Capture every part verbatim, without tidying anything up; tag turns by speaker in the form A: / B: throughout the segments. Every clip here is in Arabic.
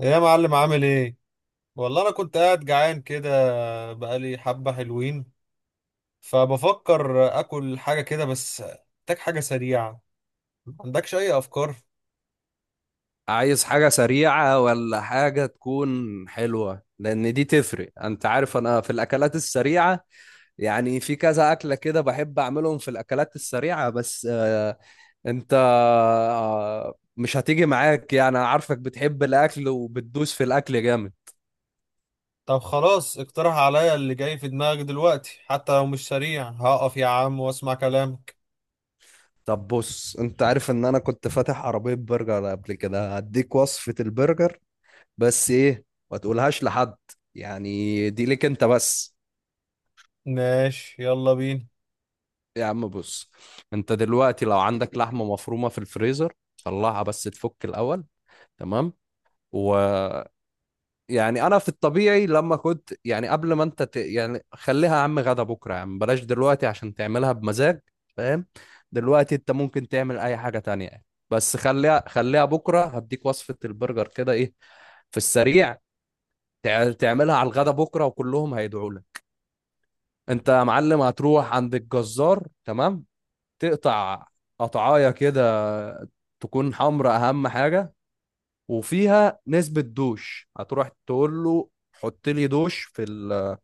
A: يا معلم عامل ايه؟ والله انا كنت قاعد جعان كده، بقالي حبة حلوين، فبفكر اكل حاجة كده، بس محتاج حاجة سريعة. ما عندكش اي افكار؟
B: عايز حاجة سريعة ولا حاجة تكون حلوة، لأن دي تفرق. أنت عارف أنا في الأكلات السريعة يعني في كذا أكلة كده بحب أعملهم في الأكلات السريعة. بس آه، أنت آه، مش هتيجي معاك يعني، أنا عارفك بتحب الأكل وبتدوس في الأكل جامد.
A: طب خلاص اقترح عليا اللي جاي في دماغك دلوقتي، حتى لو مش سريع هقف يا عم واسمع كلامك.
B: طب بص، أنت عارف إن أنا كنت فاتح عربية برجر قبل كده، هديك وصفة البرجر. بس إيه، ما تقولهاش لحد، يعني دي ليك أنت بس.
A: ماشي يلا بينا.
B: يا عم بص، انت دلوقتي لو عندك لحمة مفرومة في الفريزر طلعها، بس تفك الأول. تمام. و يعني انا في الطبيعي لما كنت يعني قبل ما انت ت... يعني خليها يا عم غدا بكرة، يا عم بلاش دلوقتي، عشان تعملها بمزاج. فاهم؟ دلوقتي انت ممكن تعمل اي حاجة تانية يعني. بس خليها خليها بكرة، هديك وصفة البرجر كده، ايه في السريع. تع- تعملها على الغدا بكرة وكلهم هيدعوا لك. انت يا معلم هتروح عند الجزار، تمام؟ تقطع قطعايه كده، تكون حمرا اهم حاجه، وفيها نسبه دوش. هتروح تقول له حط لي دوش في ال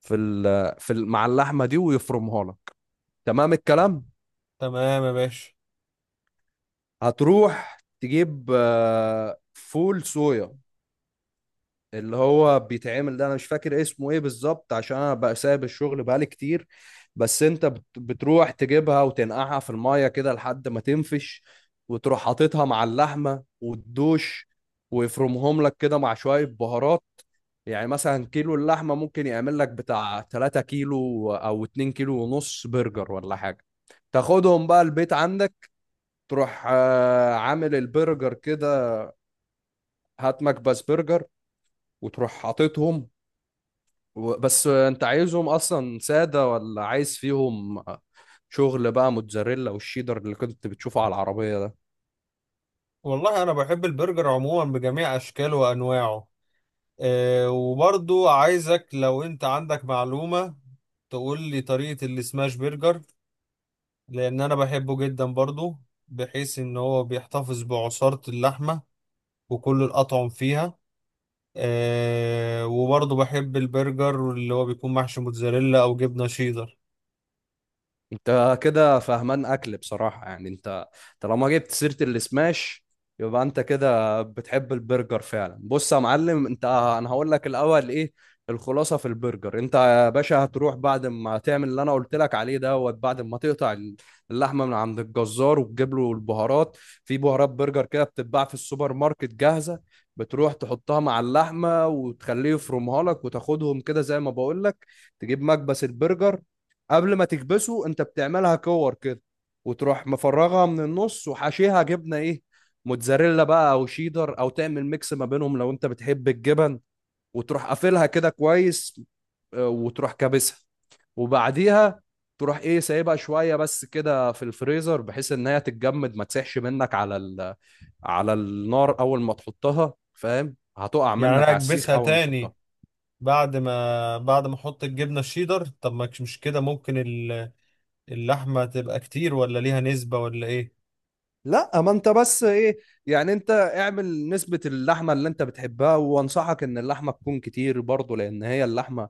B: في ال في ال مع اللحمه دي ويفرمها لك. تمام الكلام.
A: تمام يا باشا.
B: هتروح تجيب آه، فول صويا، اللي هو بيتعمل ده انا مش فاكر اسمه ايه بالظبط عشان انا بقى سايب الشغل بقالي كتير. بس انت بت- بتروح تجيبها وتنقعها في المية كده لحد ما تنفش، وتروح حاططها مع اللحمة والدوش، ويفرمهم لك كده مع شوية بهارات. يعني مثلا كيلو اللحمة ممكن يعمل لك بتاع تلات كيلو او اتنين كيلو ونص برجر ولا حاجة. تاخدهم بقى البيت عندك، تروح آه، عامل البرجر كده، هات مكبس برجر وتروح حاططهم. و- بس انت عايزهم اصلا ساده ولا عايز فيهم شغل بقى، موتزاريلا والشيدر اللي كنت بتشوفه على العربيه ده؟
A: والله انا بحب البرجر عموما بجميع اشكاله وانواعه. أه، وبرضو عايزك لو انت عندك معلومة تقول لي طريقة السماش برجر، لان انا بحبه جدا برضو، بحيث ان هو بيحتفظ بعصارة اللحمة وكل الاطعم فيها. أه، وبرضو بحب البرجر اللي هو بيكون محشي موتزاريلا او جبنة شيدر.
B: انت كده فهمان اكل بصراحة، يعني انت طالما جبت سيرة السماش يبقى انت كده بتحب البرجر فعلا. بص يا معلم، انت انا هقول لك الاول ايه الخلاصة في البرجر. انت يا باشا هتروح بعد ما تعمل اللي انا قلت لك عليه دوت، بعد ما تقطع اللحمة من عند الجزار وتجيب له البهارات. في بهارات برجر كده بتتباع في السوبر ماركت جاهزة، بتروح تحطها مع اللحمة وتخليه يفرمها لك وتاخدهم كده زي ما بقول لك. تجيب مكبس البرجر. قبل ما تكبسه انت بتعملها كور كده، وتروح مفرغها من النص وحشيها جبنه، ايه، موتزاريلا بقى او شيدر او تعمل ميكس ما بينهم لو انت بتحب الجبن. وتروح قافلها كده كويس، آه، وتروح كابسها. وبعديها تروح ايه، سايبها شويه بس كده في الفريزر بحيث ان هي تتجمد ما تسيحش منك على ال... على النار اول ما تحطها. فاهم؟ هتقع
A: يعني
B: منك
A: انا
B: على السيخ
A: اكبسها
B: اول ما تحطها.
A: تاني بعد ما بعد ما احط الجبنة الشيدر؟ طب ما كش- مش كده ممكن ال- اللحمة تبقى كتير، ولا ليها نسبة ولا ايه؟
B: لا، ما انت بس ايه، يعني انت اعمل نسبة اللحمة اللي انت بتحبها، وانصحك ان اللحمة تكون كتير برضو، لان هي اللحمة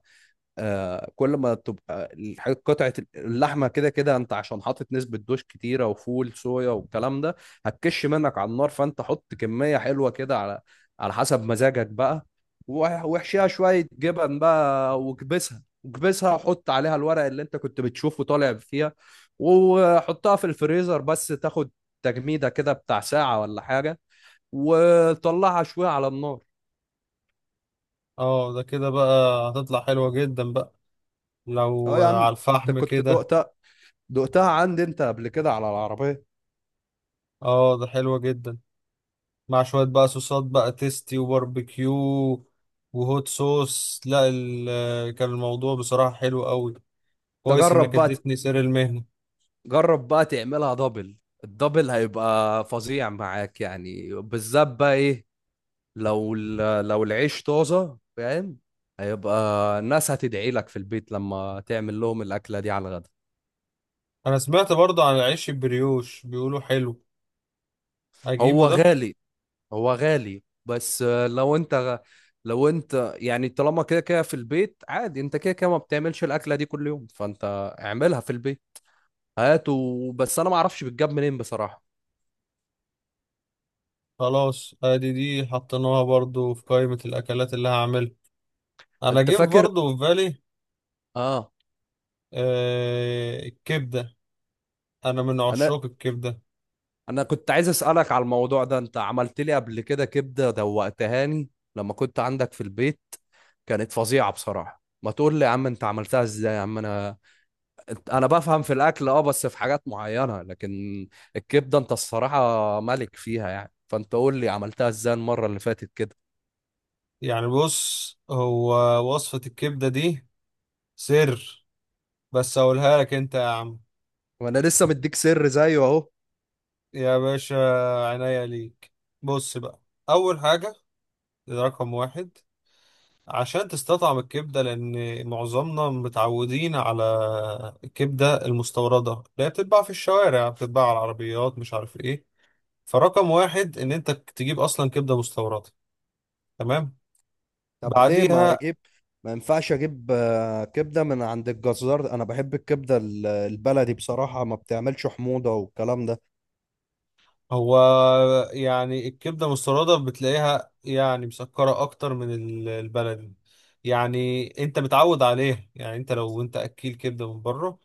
B: آه، كل ما تبقى الح- قطعة اللحمة كده كده، انت عشان حاطط نسبة دوش كتيرة وفول صويا والكلام ده هتكش منك على النار. فانت حط كمية حلوة كده على على حسب مزاجك بقى. وح- واحشيها شوية جبن بقى، واكبسها واكبسها، وحط عليها الورق اللي انت كنت بتشوفه طالع فيها، وحطها في الفريزر بس تاخد تجميدة كده بتاع ساعة ولا حاجة، وطلعها شوية على النار.
A: اه ده كده بقى هتطلع حلوة جدا بقى،
B: اه
A: لو
B: يا
A: على
B: عم، انت
A: الفحم
B: كنت
A: كده.
B: دقتها، دقتها عندي انت قبل كده على العربية.
A: اه ده حلوة جدا مع شوية بقى صوصات بقى، تيستي وباربيكيو وهوت صوص، لا ال- كان الموضوع بصراحة حلو قوي. كويس
B: تجرب
A: انك
B: بقى،
A: اديتني سر المهنة.
B: جرب بقى تعملها دبل. الدبل هيبقى فظيع معاك، يعني بالذات بقى ايه، لو ال- لو العيش طازة. فاهم؟ هيبقى الناس هتدعي لك في البيت لما تعمل لهم الأكلة دي على الغدا.
A: انا سمعت برضه عن العيش البريوش، بيقولوا حلو، اجيبه
B: هو
A: ده؟
B: غالي هو غالي بس آه، لو انت لو انت يعني طالما كده كده في البيت عادي، انت كده كده ما بتعملش الأكلة دي كل يوم، فانت اعملها في البيت. هاته، بس انا ما اعرفش بتجاب منين بصراحة.
A: خلاص ادي دي حطيناها برضه في قائمة الاكلات اللي هعملها. انا
B: انت
A: جيب
B: فاكر؟
A: برضه في بالي.
B: اه.
A: آه، الكبدة، انا من
B: انا
A: عشاق الكبدة.
B: انا كنت عايز اسالك على الموضوع ده، انت عملت لي قبل كده كبده دوقتهاني لما كنت عندك في البيت، كانت فظيعه بصراحه. ما تقول لي يا عم انت عملتها ازاي. يا عم انا انا بفهم في الاكل اه، بس في حاجات معينه، لكن الكبده انت الصراحه ملك فيها يعني. فانت قول لي عملتها ازاي المره اللي فاتت كده.
A: يعني بص، هو وصفة الكبدة دي سر، بس اقولها لك انت يا عم.
B: وانا لسه مديك سر زيه اهو.
A: يا باشا، عناية ليك. بص بقى، أول حاجة، ده رقم واحد عشان تستطعم الكبدة، لأن معظمنا متعودين على الكبدة المستوردة اللي هي بتتباع في الشوارع، بتتباع على العربيات، مش عارف إيه. فرقم واحد إن أنت تجيب أصلا كبدة مستوردة، تمام.
B: طب ليه ما
A: بعديها،
B: اجيب، ما ينفعش اجيب آه، كبده من عند الجزار؟ انا بحب الكبده ال- البلدي بصراحه، ما بتعملش حموضه والكلام ده.
A: هو يعني الكبدة المستوردة بتلاقيها يعني مسكرة أكتر من ال- البلدي، يعني أنت متعود عليها. يعني أنت لو أنت أكيل كبدة من بره،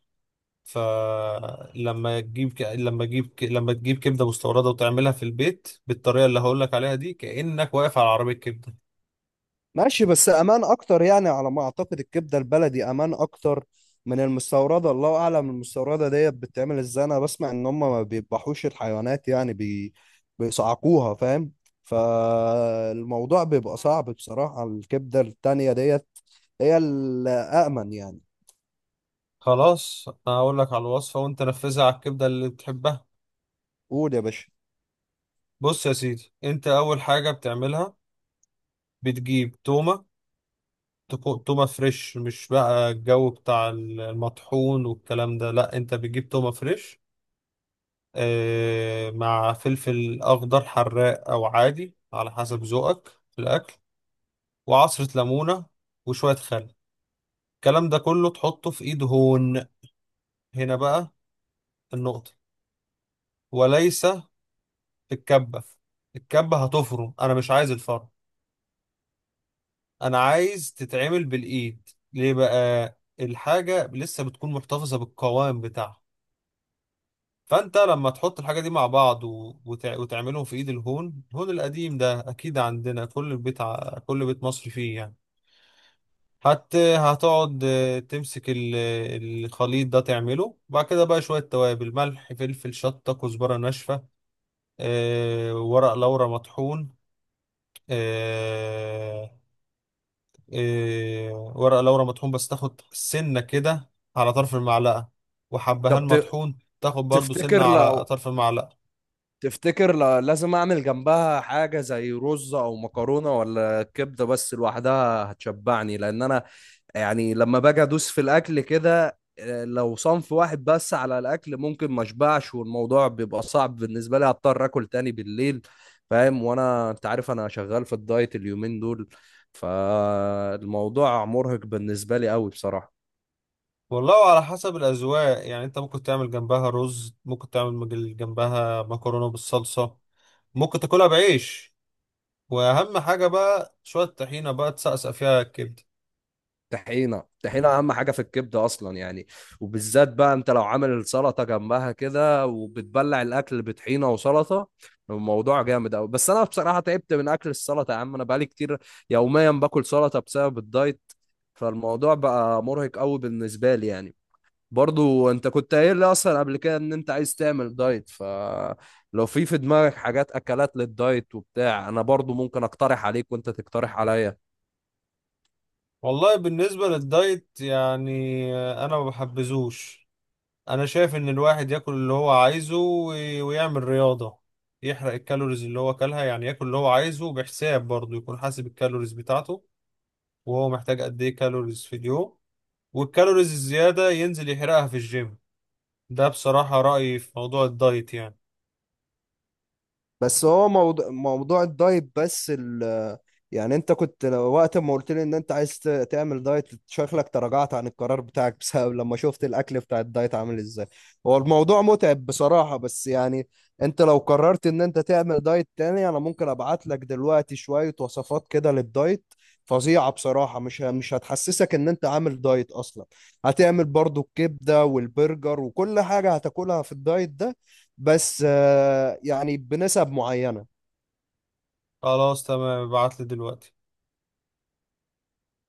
A: فلما تجيب ك... لما تجيب ك... لما تجيب كبده مستورده وتعملها في البيت بالطريقه اللي هقول لك عليها دي، كانك واقف على عربيه كبده.
B: ماشي، بس امان اكتر يعني على ما اعتقد، الكبده البلدي امان اكتر من المستورده. الله اعلم المستورده ديت بتتعمل ازاي، انا بسمع ان هم ما بيذبحوش الحيوانات، يعني بي... بيصعقوها. فاهم؟ فالموضوع بيبقى صعب بصراحه. الكبده التانيه ديت هي الامن يعني.
A: خلاص انا هقول لك على الوصفه وانت نفذها على الكبده اللي بتحبها.
B: قول يا باشا.
A: بص يا سيدي، انت اول حاجه بتعملها بتجيب تومه. تكو- تومه فريش، مش بقى الجو بتاع المطحون والكلام ده، لا انت بتجيب تومه فريش. آه، مع فلفل اخضر حراق او عادي على حسب ذوقك في الاكل، وعصرة ليمونة، وشوية خل. الكلام ده كله تحطه في ايد هون. هنا بقى النقطة، وليس في الكبة. الكبة هتفرم، انا مش عايز الفرم، انا عايز تتعمل بالايد. ليه بقى؟ الحاجة لسه بتكون محتفظة بالقوام بتاعها. فانت لما تحط الحاجة دي مع بعض و... وتع... وتعملهم في ايد الهون، الهون القديم ده اكيد عندنا كل بيت، ع... كل بيت مصري فيه يعني. حتى هتقعد آه، تمسك ال- الخليط ده، تعمله بعد كده بقى شوية توابل، ملح فلفل شطة كزبرة ناشفة، آه، ورق لورا مطحون. آه، آه، ورق لورا مطحون بس تاخد سنة كده على طرف المعلقة، وحبهان
B: طب ت-
A: مطحون تاخد برضو سنة
B: تفتكر
A: على
B: لو
A: طرف المعلقة.
B: تفتكر لو لازم اعمل جنبها حاجة زي رز او مكرونة، ولا كبدة بس لوحدها هتشبعني؟ لان انا يعني لما باجي ادوس في الاكل كده آه، لو صنف واحد بس على الاكل ممكن ما اشبعش، والموضوع بيبقى صعب بالنسبه لي، هضطر اكل تاني بالليل. فاهم؟ وانا انت عارف انا شغال في الدايت اليومين دول، فالموضوع مرهق بالنسبه لي قوي بصراحه.
A: والله على حسب الأذواق، يعني أنت ممكن تعمل جنبها رز، ممكن تعمل جنبها مكرونة بالصلصة، ممكن تاكلها بعيش. واهم حاجه بقى شويه طحينه بقى تسقسق فيها الكبده.
B: طحينه طحينه اهم حاجه في الكبده اصلا يعني. وبالذات بقى انت لو عامل السلطه جنبها كده وبتبلع الاكل بطحينه وسلطه، الموضوع جامد قوي. بس انا بصراحه تعبت من اكل السلطه، يا عم انا بقالي كتير يوميا باكل سلطه بسبب الدايت، فالموضوع بقى مرهق قوي بالنسبه لي يعني. برضو انت كنت قايل لي اصلا قبل كده ان انت عايز تعمل دايت، فلو في في دماغك حاجات اكلات للدايت وبتاع انا برضو ممكن اقترح عليك وانت تقترح عليا.
A: والله بالنسبه للدايت يعني انا ما بحبذوش. انا شايف ان الواحد ياكل اللي هو عايزه، وي- ويعمل رياضه يحرق الكالوريز اللي هو اكلها. يعني ياكل اللي هو عايزه بحساب، برضه يكون حاسب الكالوريز بتاعته وهو محتاج قد ايه كالوريز في اليوم، والكالوريز الزياده ينزل يحرقها في الجيم. ده بصراحه رايي في موضوع الدايت يعني.
B: بس هو موضوع، موضوع الدايت بس ال، يعني انت كنت لو- وقت ما قلت لي ان انت عايز ت- تعمل دايت شكلك تراجعت عن القرار بتاعك بسبب لما شفت الاكل بتاع الدايت عامل ازاي. هو الموضوع متعب بصراحة، بس يعني انت لو قررت ان انت تعمل دايت تاني انا ممكن ابعت لك دلوقتي شوية وصفات كده للدايت فظيعة بصراحة، مش ه- مش هتحسسك ان انت عامل دايت اصلا. هتعمل برضو الكبدة والبرجر وكل حاجة هتاكلها في الدايت ده، بس آه، يعني بنسب معينة.
A: خلاص تمام، ابعتلي دلوقتي.